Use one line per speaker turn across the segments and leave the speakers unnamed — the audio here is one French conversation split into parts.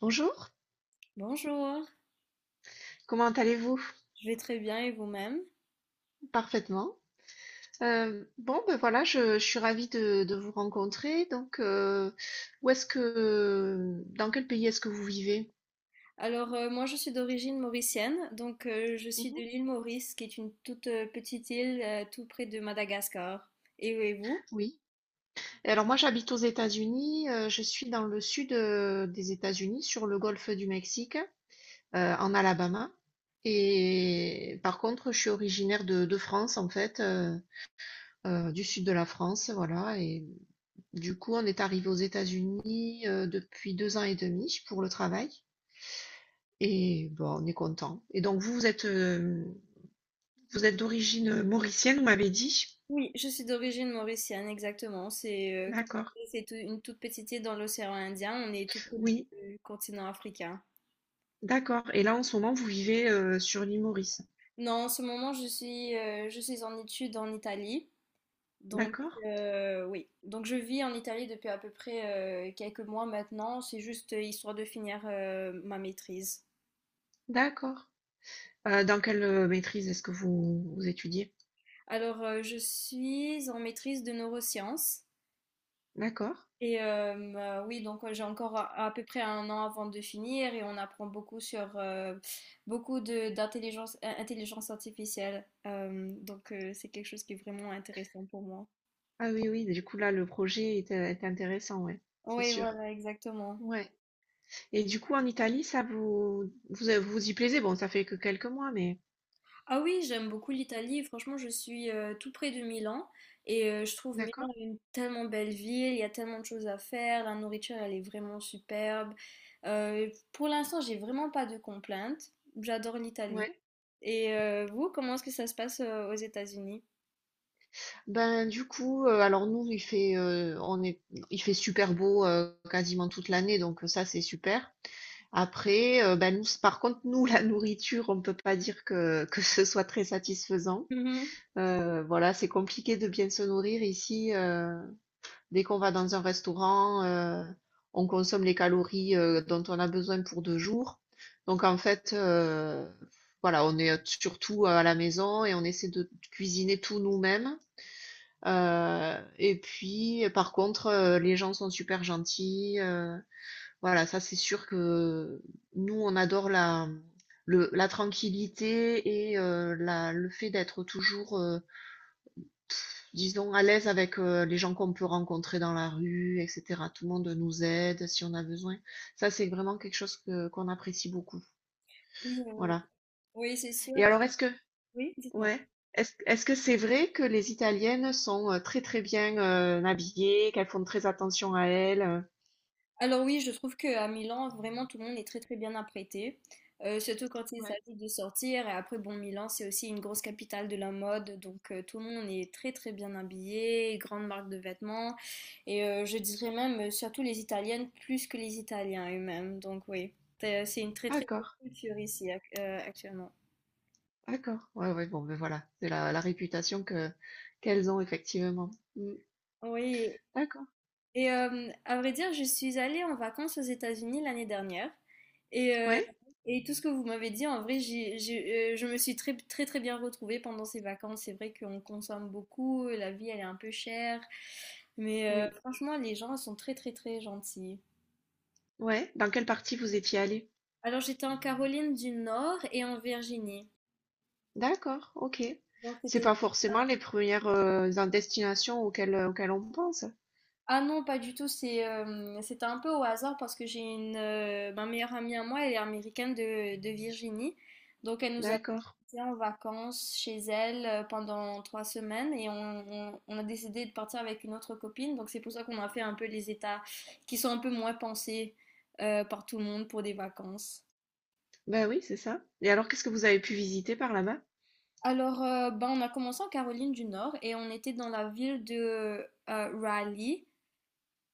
Bonjour,
Bonjour,
comment allez-vous?
je vais très bien et vous-même?
Parfaitement. Bon, ben voilà, je suis ravie de vous rencontrer. Donc, où est-ce que, dans quel pays est-ce que vous vivez?
Alors moi je suis d'origine mauricienne, donc je suis de
Mhm.
l'île Maurice qui est une toute petite île tout près de Madagascar. Et vous?
Oui. Et alors moi, j'habite aux États-Unis. Je suis dans le sud des États-Unis, sur le golfe du Mexique, en Alabama. Et par contre, je suis originaire de France, en fait, du sud de la France, voilà. Et du coup, on est arrivé aux États-Unis, depuis 2 ans et demi pour le travail et bon, on est content. Et donc vous, vous êtes d'origine mauricienne, vous m'avez dit?
Oui, je suis d'origine mauricienne, exactement. C'est comme vous
D'accord.
savez, c'est une toute petite île dans l'océan Indien, on est tout près
Oui,
du continent africain.
d'accord. Et là, en ce moment, vous vivez, sur l'île Maurice?
Non, en ce moment je suis en études en Italie. Donc,
D'accord,
oui. Donc, je vis en Italie depuis à peu près quelques mois maintenant. C'est juste histoire de finir ma maîtrise.
d'accord. Dans quelle, maîtrise est-ce que vous vous étudiez?
Alors, je suis en maîtrise de neurosciences.
D'accord.
Et oui, donc j'ai encore à peu près un an avant de finir et on apprend beaucoup sur beaucoup de d'intelligence intelligence artificielle. Donc, c'est quelque chose qui est vraiment intéressant pour moi.
Ah oui, oui, du coup, là, le projet est intéressant, ouais, c'est
Oui,
sûr.
voilà, exactement.
Ouais. Et du coup, en Italie, ça vous vous y plaisez? Bon, ça fait que quelques mois, mais
Ah oui, j'aime beaucoup l'Italie. Franchement, je suis tout près de Milan et je trouve
d'accord.
Milan une tellement belle ville. Il y a tellement de choses à faire. La nourriture, elle est vraiment superbe. Pour l'instant, j'ai vraiment pas de complaintes. J'adore l'Italie.
Ouais.
Et vous, comment est-ce que ça se passe aux États-Unis?
Ben du coup, alors nous il fait on est il fait super beau quasiment toute l'année, donc ça c'est super. Après, ben nous, par contre, nous, la nourriture, on peut pas dire que ce soit très satisfaisant.
Mhm.
Voilà, c'est compliqué de bien se nourrir ici. Dès qu'on va dans un restaurant, on consomme les calories dont on a besoin pour 2 jours. Donc en fait, voilà, on est surtout à la maison et on essaie de cuisiner tout nous-mêmes. Et puis, par contre, les gens sont super gentils. Voilà, ça c'est sûr que nous, on adore la tranquillité et le fait d'être toujours, disons, à l'aise avec les gens qu'on peut rencontrer dans la rue, etc. Tout le monde nous aide si on a besoin. Ça, c'est vraiment quelque chose qu'on apprécie beaucoup.
Oui,
Voilà.
oui, c'est sûr.
Et alors, est-ce que
Oui, dites-moi.
Ouais. Est-ce que c'est vrai que les Italiennes sont très très bien habillées, qu'elles font très attention à elles?
Alors oui, je trouve qu'à Milan, vraiment, tout le monde est très très bien apprêté. Surtout quand il
Ouais.
s'agit de sortir. Et après, bon, Milan, c'est aussi une grosse capitale de la mode. Donc tout le monde est très très bien habillé, grande marque de vêtements. Et je dirais même, surtout les Italiennes, plus que les Italiens eux-mêmes. Donc oui, c'est une très très bonne
D'accord,
culture ici actuellement.
d'accord. Ouais, ouais, bon, ben voilà, c'est la réputation que qu'elles ont effectivement. Mm.
Oui.
D'accord.
Et à vrai dire, je suis allée en vacances aux États-Unis l'année dernière. Et, euh,
Ouais,
et tout ce que vous m'avez dit, en vrai, je me suis très, très, très bien retrouvée pendant ces vacances. C'est vrai qu'on consomme beaucoup, la vie, elle est un peu chère. Mais
oui.
franchement, les gens sont très, très, très gentils.
ouais. Dans quelle partie vous étiez allé?
Alors, j'étais en Caroline du Nord et en Virginie.
D'accord, ok.
Donc,
C'est
c'était.
pas forcément les premières destinations auxquelles on pense.
Ah non, pas du tout. C'était un peu au hasard parce que j'ai une ma meilleure amie à moi, elle est américaine de Virginie. Donc elle nous a
D'accord.
été en vacances chez elle pendant 3 semaines et on a décidé de partir avec une autre copine. Donc c'est pour ça qu'on a fait un peu les états qui sont un peu moins pensés par tout le monde pour des vacances.
Ben oui, c'est ça. Et alors, qu'est-ce que vous avez pu visiter par là-bas?
Alors, ben, on a commencé en Caroline du Nord et on était dans la ville de Raleigh.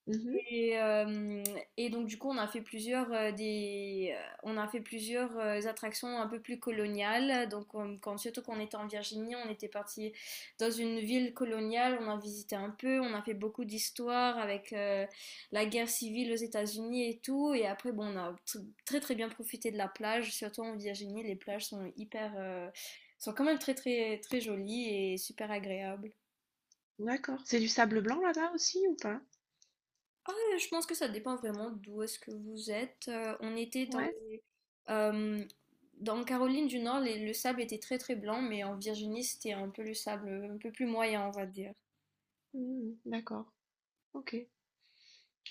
Mhm.
Et, euh, et donc du coup on a fait plusieurs attractions un peu plus coloniales. Donc, quand surtout qu'on était en Virginie, on était parti dans une ville coloniale, on a visité un peu, on a fait beaucoup d'histoires avec la guerre civile aux États-Unis et tout. Et après bon, on a très très bien profité de la plage. Surtout en Virginie, les plages sont quand même très très très jolies et super agréables.
D'accord. C'est du sable blanc là-bas aussi ou pas?
Ah, je pense que ça dépend vraiment d'où est-ce que vous êtes. On était
Ouais.
euh, dans Caroline du Nord, le sable était très très blanc, mais en Virginie, c'était un peu le sable un peu plus moyen, on va dire.
Mmh, d'accord. OK.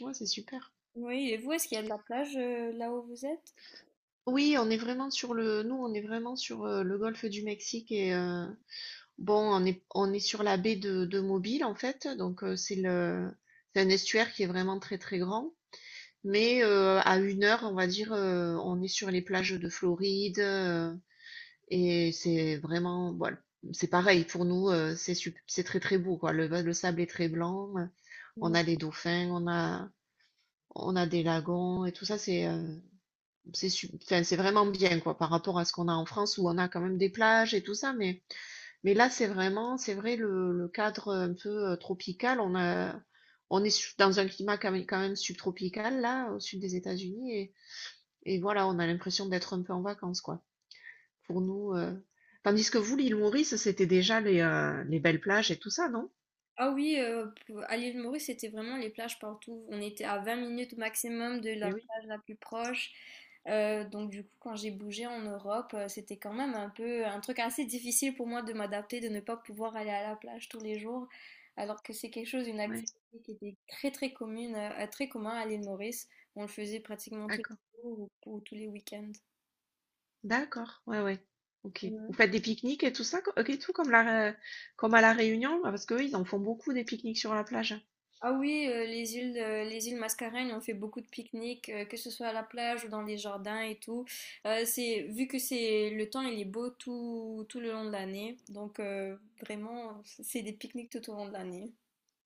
Ouais, c'est super.
Oui, et vous, est-ce qu'il y a de la plage là où vous êtes?
Oui, on est vraiment nous, on est vraiment sur le golfe du Mexique et bon, on est sur la baie de Mobile en fait, donc c'est un estuaire qui est vraiment très très grand, mais à 1 heure, on va dire, on est sur les plages de Floride et c'est vraiment, voilà, c'est pareil pour nous, c'est très très beau, quoi. Le sable est très blanc, on a les dauphins, on a des lagons et tout ça, c'est enfin, c'est vraiment bien, quoi, par rapport à ce qu'on a en France où on a quand même des plages et tout ça, mais là c'est vrai, le cadre un peu tropical, on est dans un climat quand même subtropical là au sud des États-Unis, et voilà, on a l'impression d'être un peu en vacances, quoi, pour nous. Tandis que vous, l'île Maurice, c'était déjà les belles plages et tout ça, non?
Ah oui, à l'île Maurice, c'était vraiment les plages partout. On était à 20 minutes au maximum de la
Eh oui,
plage la plus proche. Donc du coup, quand j'ai bougé en Europe, c'était quand même un peu un truc assez difficile pour moi de m'adapter, de ne pas pouvoir aller à la plage tous les jours, alors que c'est quelque chose, une
ouais,
activité qui était très très commune, très commun à l'île Maurice. On le faisait pratiquement tous les
d'accord.
jours ou tous les week-ends.
D'accord, ouais, ouais. OK. Vous faites des pique-niques et tout ça, et tout Ré- comme à La Réunion? Ah, parce qu'eux, ils en font beaucoup des pique-niques sur la plage.
Ah oui, les îles Mascareignes, on fait beaucoup de pique-niques, que ce soit à la plage ou dans les jardins et tout. Vu que c'est le temps, il est beau tout le long de l'année. Donc vraiment, c'est des pique-niques tout au long de l'année.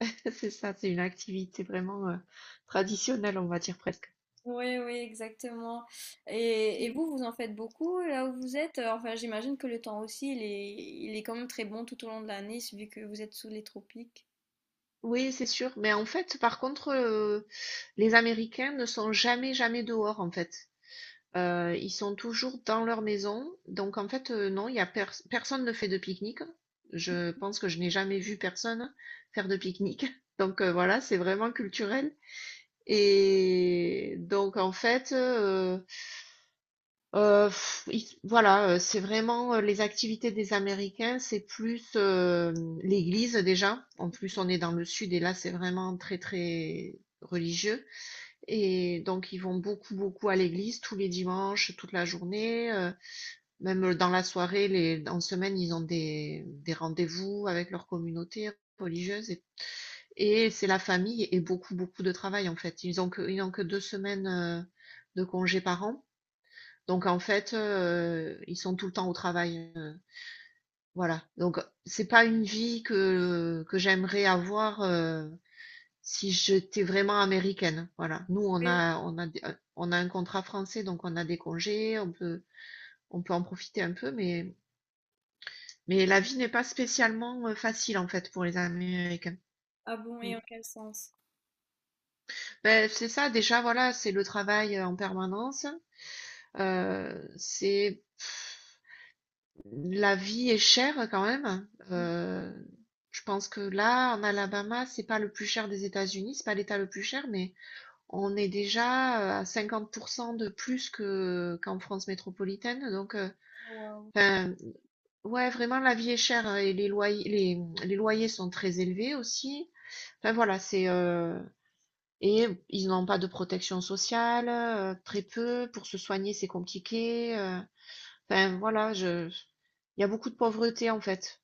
C'est ça, c'est une activité vraiment traditionnelle, on va dire presque.
Oui, oui, exactement. Et
Mm.
vous, vous en faites beaucoup là où vous êtes? Enfin, j'imagine que le temps aussi, il est quand même très bon tout au long de l'année, vu que vous êtes sous les tropiques.
Oui, c'est sûr. Mais en fait, par contre, les Américains ne sont jamais, jamais dehors, en fait. Ils sont toujours dans leur maison. Donc, en fait, non, il y a personne ne fait de pique-nique. Je pense que je n'ai jamais vu personne faire de pique-nique. Donc, voilà, c'est vraiment culturel. Et donc en fait, heu, ils voilà, c'est vraiment, les activités des Américains, c'est plus, l'église déjà. En plus, on est dans le sud et là, c'est vraiment très, très religieux, et donc ils vont beaucoup, beaucoup à l'église tous les dimanches, toute la journée, même dans la soirée, les en semaine, ils ont des rendez-vous avec leur communauté religieuse, et c'est la famille et beaucoup, beaucoup de travail en fait. Ils n'ont que 2 semaines de congés par an. Donc en fait, ils sont tout le temps au travail. Voilà. Donc c'est pas une vie que j'aimerais avoir si j'étais vraiment américaine. Voilà. Nous, on
Oui.
a, on a, euh, on a un contrat français, donc on a des congés, on peut en profiter un peu, mais la vie n'est pas spécialement facile en fait pour les Américains.
Ah bon,
Mm.
et en quel sens?
Ben, c'est ça, déjà, voilà, c'est le travail en permanence. C'est la vie est chère quand même. Je pense que là, en Alabama, c'est pas le plus cher des États-Unis, c'est pas l'État le plus cher, mais on est déjà, à 50 de plus que qu'en France métropolitaine. Donc,
Wow.
enfin, ouais, vraiment la vie est chère et les loyers les loyers sont très élevés aussi. Enfin voilà, et ils n'ont pas de protection sociale, très peu. Pour se soigner, c'est compliqué. Enfin, voilà, je il y a beaucoup de pauvreté en fait.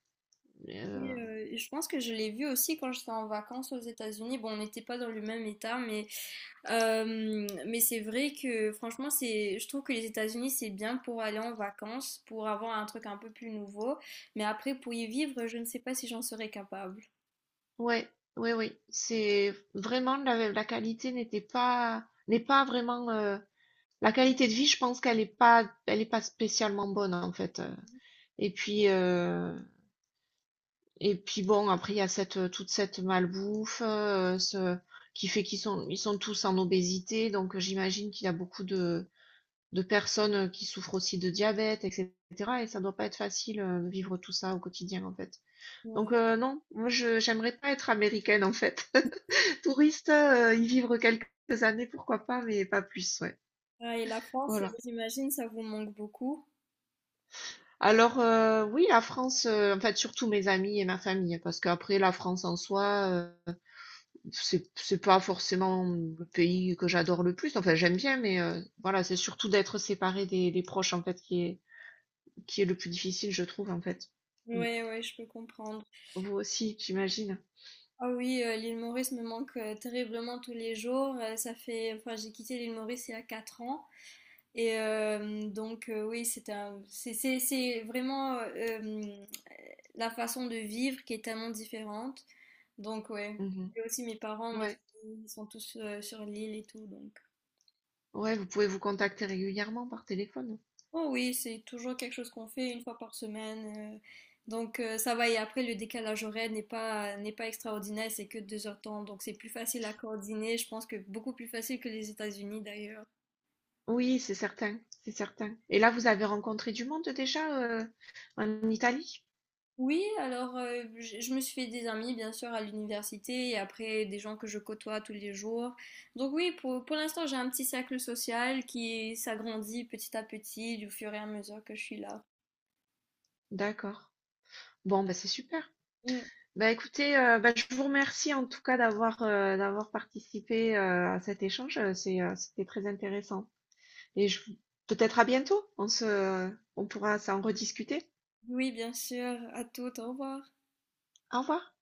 Et,
Euh,
euh, je pense que je l'ai vu aussi quand j'étais en vacances aux États-Unis. Bon, on n'était pas dans le même état, mais c'est vrai que franchement, je trouve que les États-Unis, c'est bien pour aller en vacances, pour avoir un truc un peu plus nouveau. Mais après, pour y vivre, je ne sais pas si j'en serais capable.
ouais, oui, oui. C'est vraiment la qualité n'est pas vraiment la qualité de vie, je pense qu'elle est pas spécialement bonne en fait. Et puis euh, et puis bon, après il y a cette toute cette malbouffe ce qui fait qu'ils sont tous en obésité, donc j'imagine qu'il y a beaucoup de personnes qui souffrent aussi de diabète, etc. Et ça doit pas être facile de vivre tout ça au quotidien en fait. Donc
Ouais.
non, moi je j'aimerais pas être américaine en fait. Touriste, y vivre quelques années, pourquoi pas, mais pas plus, ouais.
Ah, et la France,
Voilà.
j'imagine, ça vous manque beaucoup.
Alors oui, la France, en fait surtout mes amis et ma famille, hein, parce qu'après la France en soi, euh, c'est pas forcément le pays que j'adore le plus. Enfin j'aime bien, mais voilà, c'est surtout d'être séparé des proches en fait qui est le plus difficile, je trouve en fait. Mm.
Ouais, ouais, je peux comprendre.
Vous aussi, j'imagine.
Ah oui, l'île Maurice me manque terriblement tous les jours. Ça fait, enfin, j'ai quitté l'île Maurice il y a 4 ans. Et donc, oui, c'est un, c'est vraiment la façon de vivre qui est tellement différente. Donc, ouais.
Mhm.
Et aussi mes parents, mes
Ouais,
amis, ils sont tous sur l'île et tout. Donc,
ouais, vous pouvez vous contacter régulièrement par téléphone, hein.
oh oui, c'est toujours quelque chose qu'on fait une fois par semaine. Donc, ça va. Et après, le décalage horaire n'est pas extraordinaire, c'est que 2 heures de temps. Donc, c'est plus facile à coordonner. Je pense que beaucoup plus facile que les États-Unis d'ailleurs.
Oui, c'est certain, c'est certain. Et là, vous avez rencontré du monde déjà en Italie?
Oui, alors je me suis fait des amis bien sûr à l'université et après des gens que je côtoie tous les jours. Donc oui, pour l'instant j'ai un petit cercle social qui s'agrandit petit à petit du fur et à mesure que je suis là.
D'accord. Bon, bah, c'est super.
Mm.
Bah, écoutez, bah, je vous remercie en tout cas d'avoir d'avoir participé à cet échange. C'était très intéressant. Et je, peut-être à bientôt. On pourra s'en rediscuter.
Oui, bien sûr, à tout, au revoir.
Au revoir.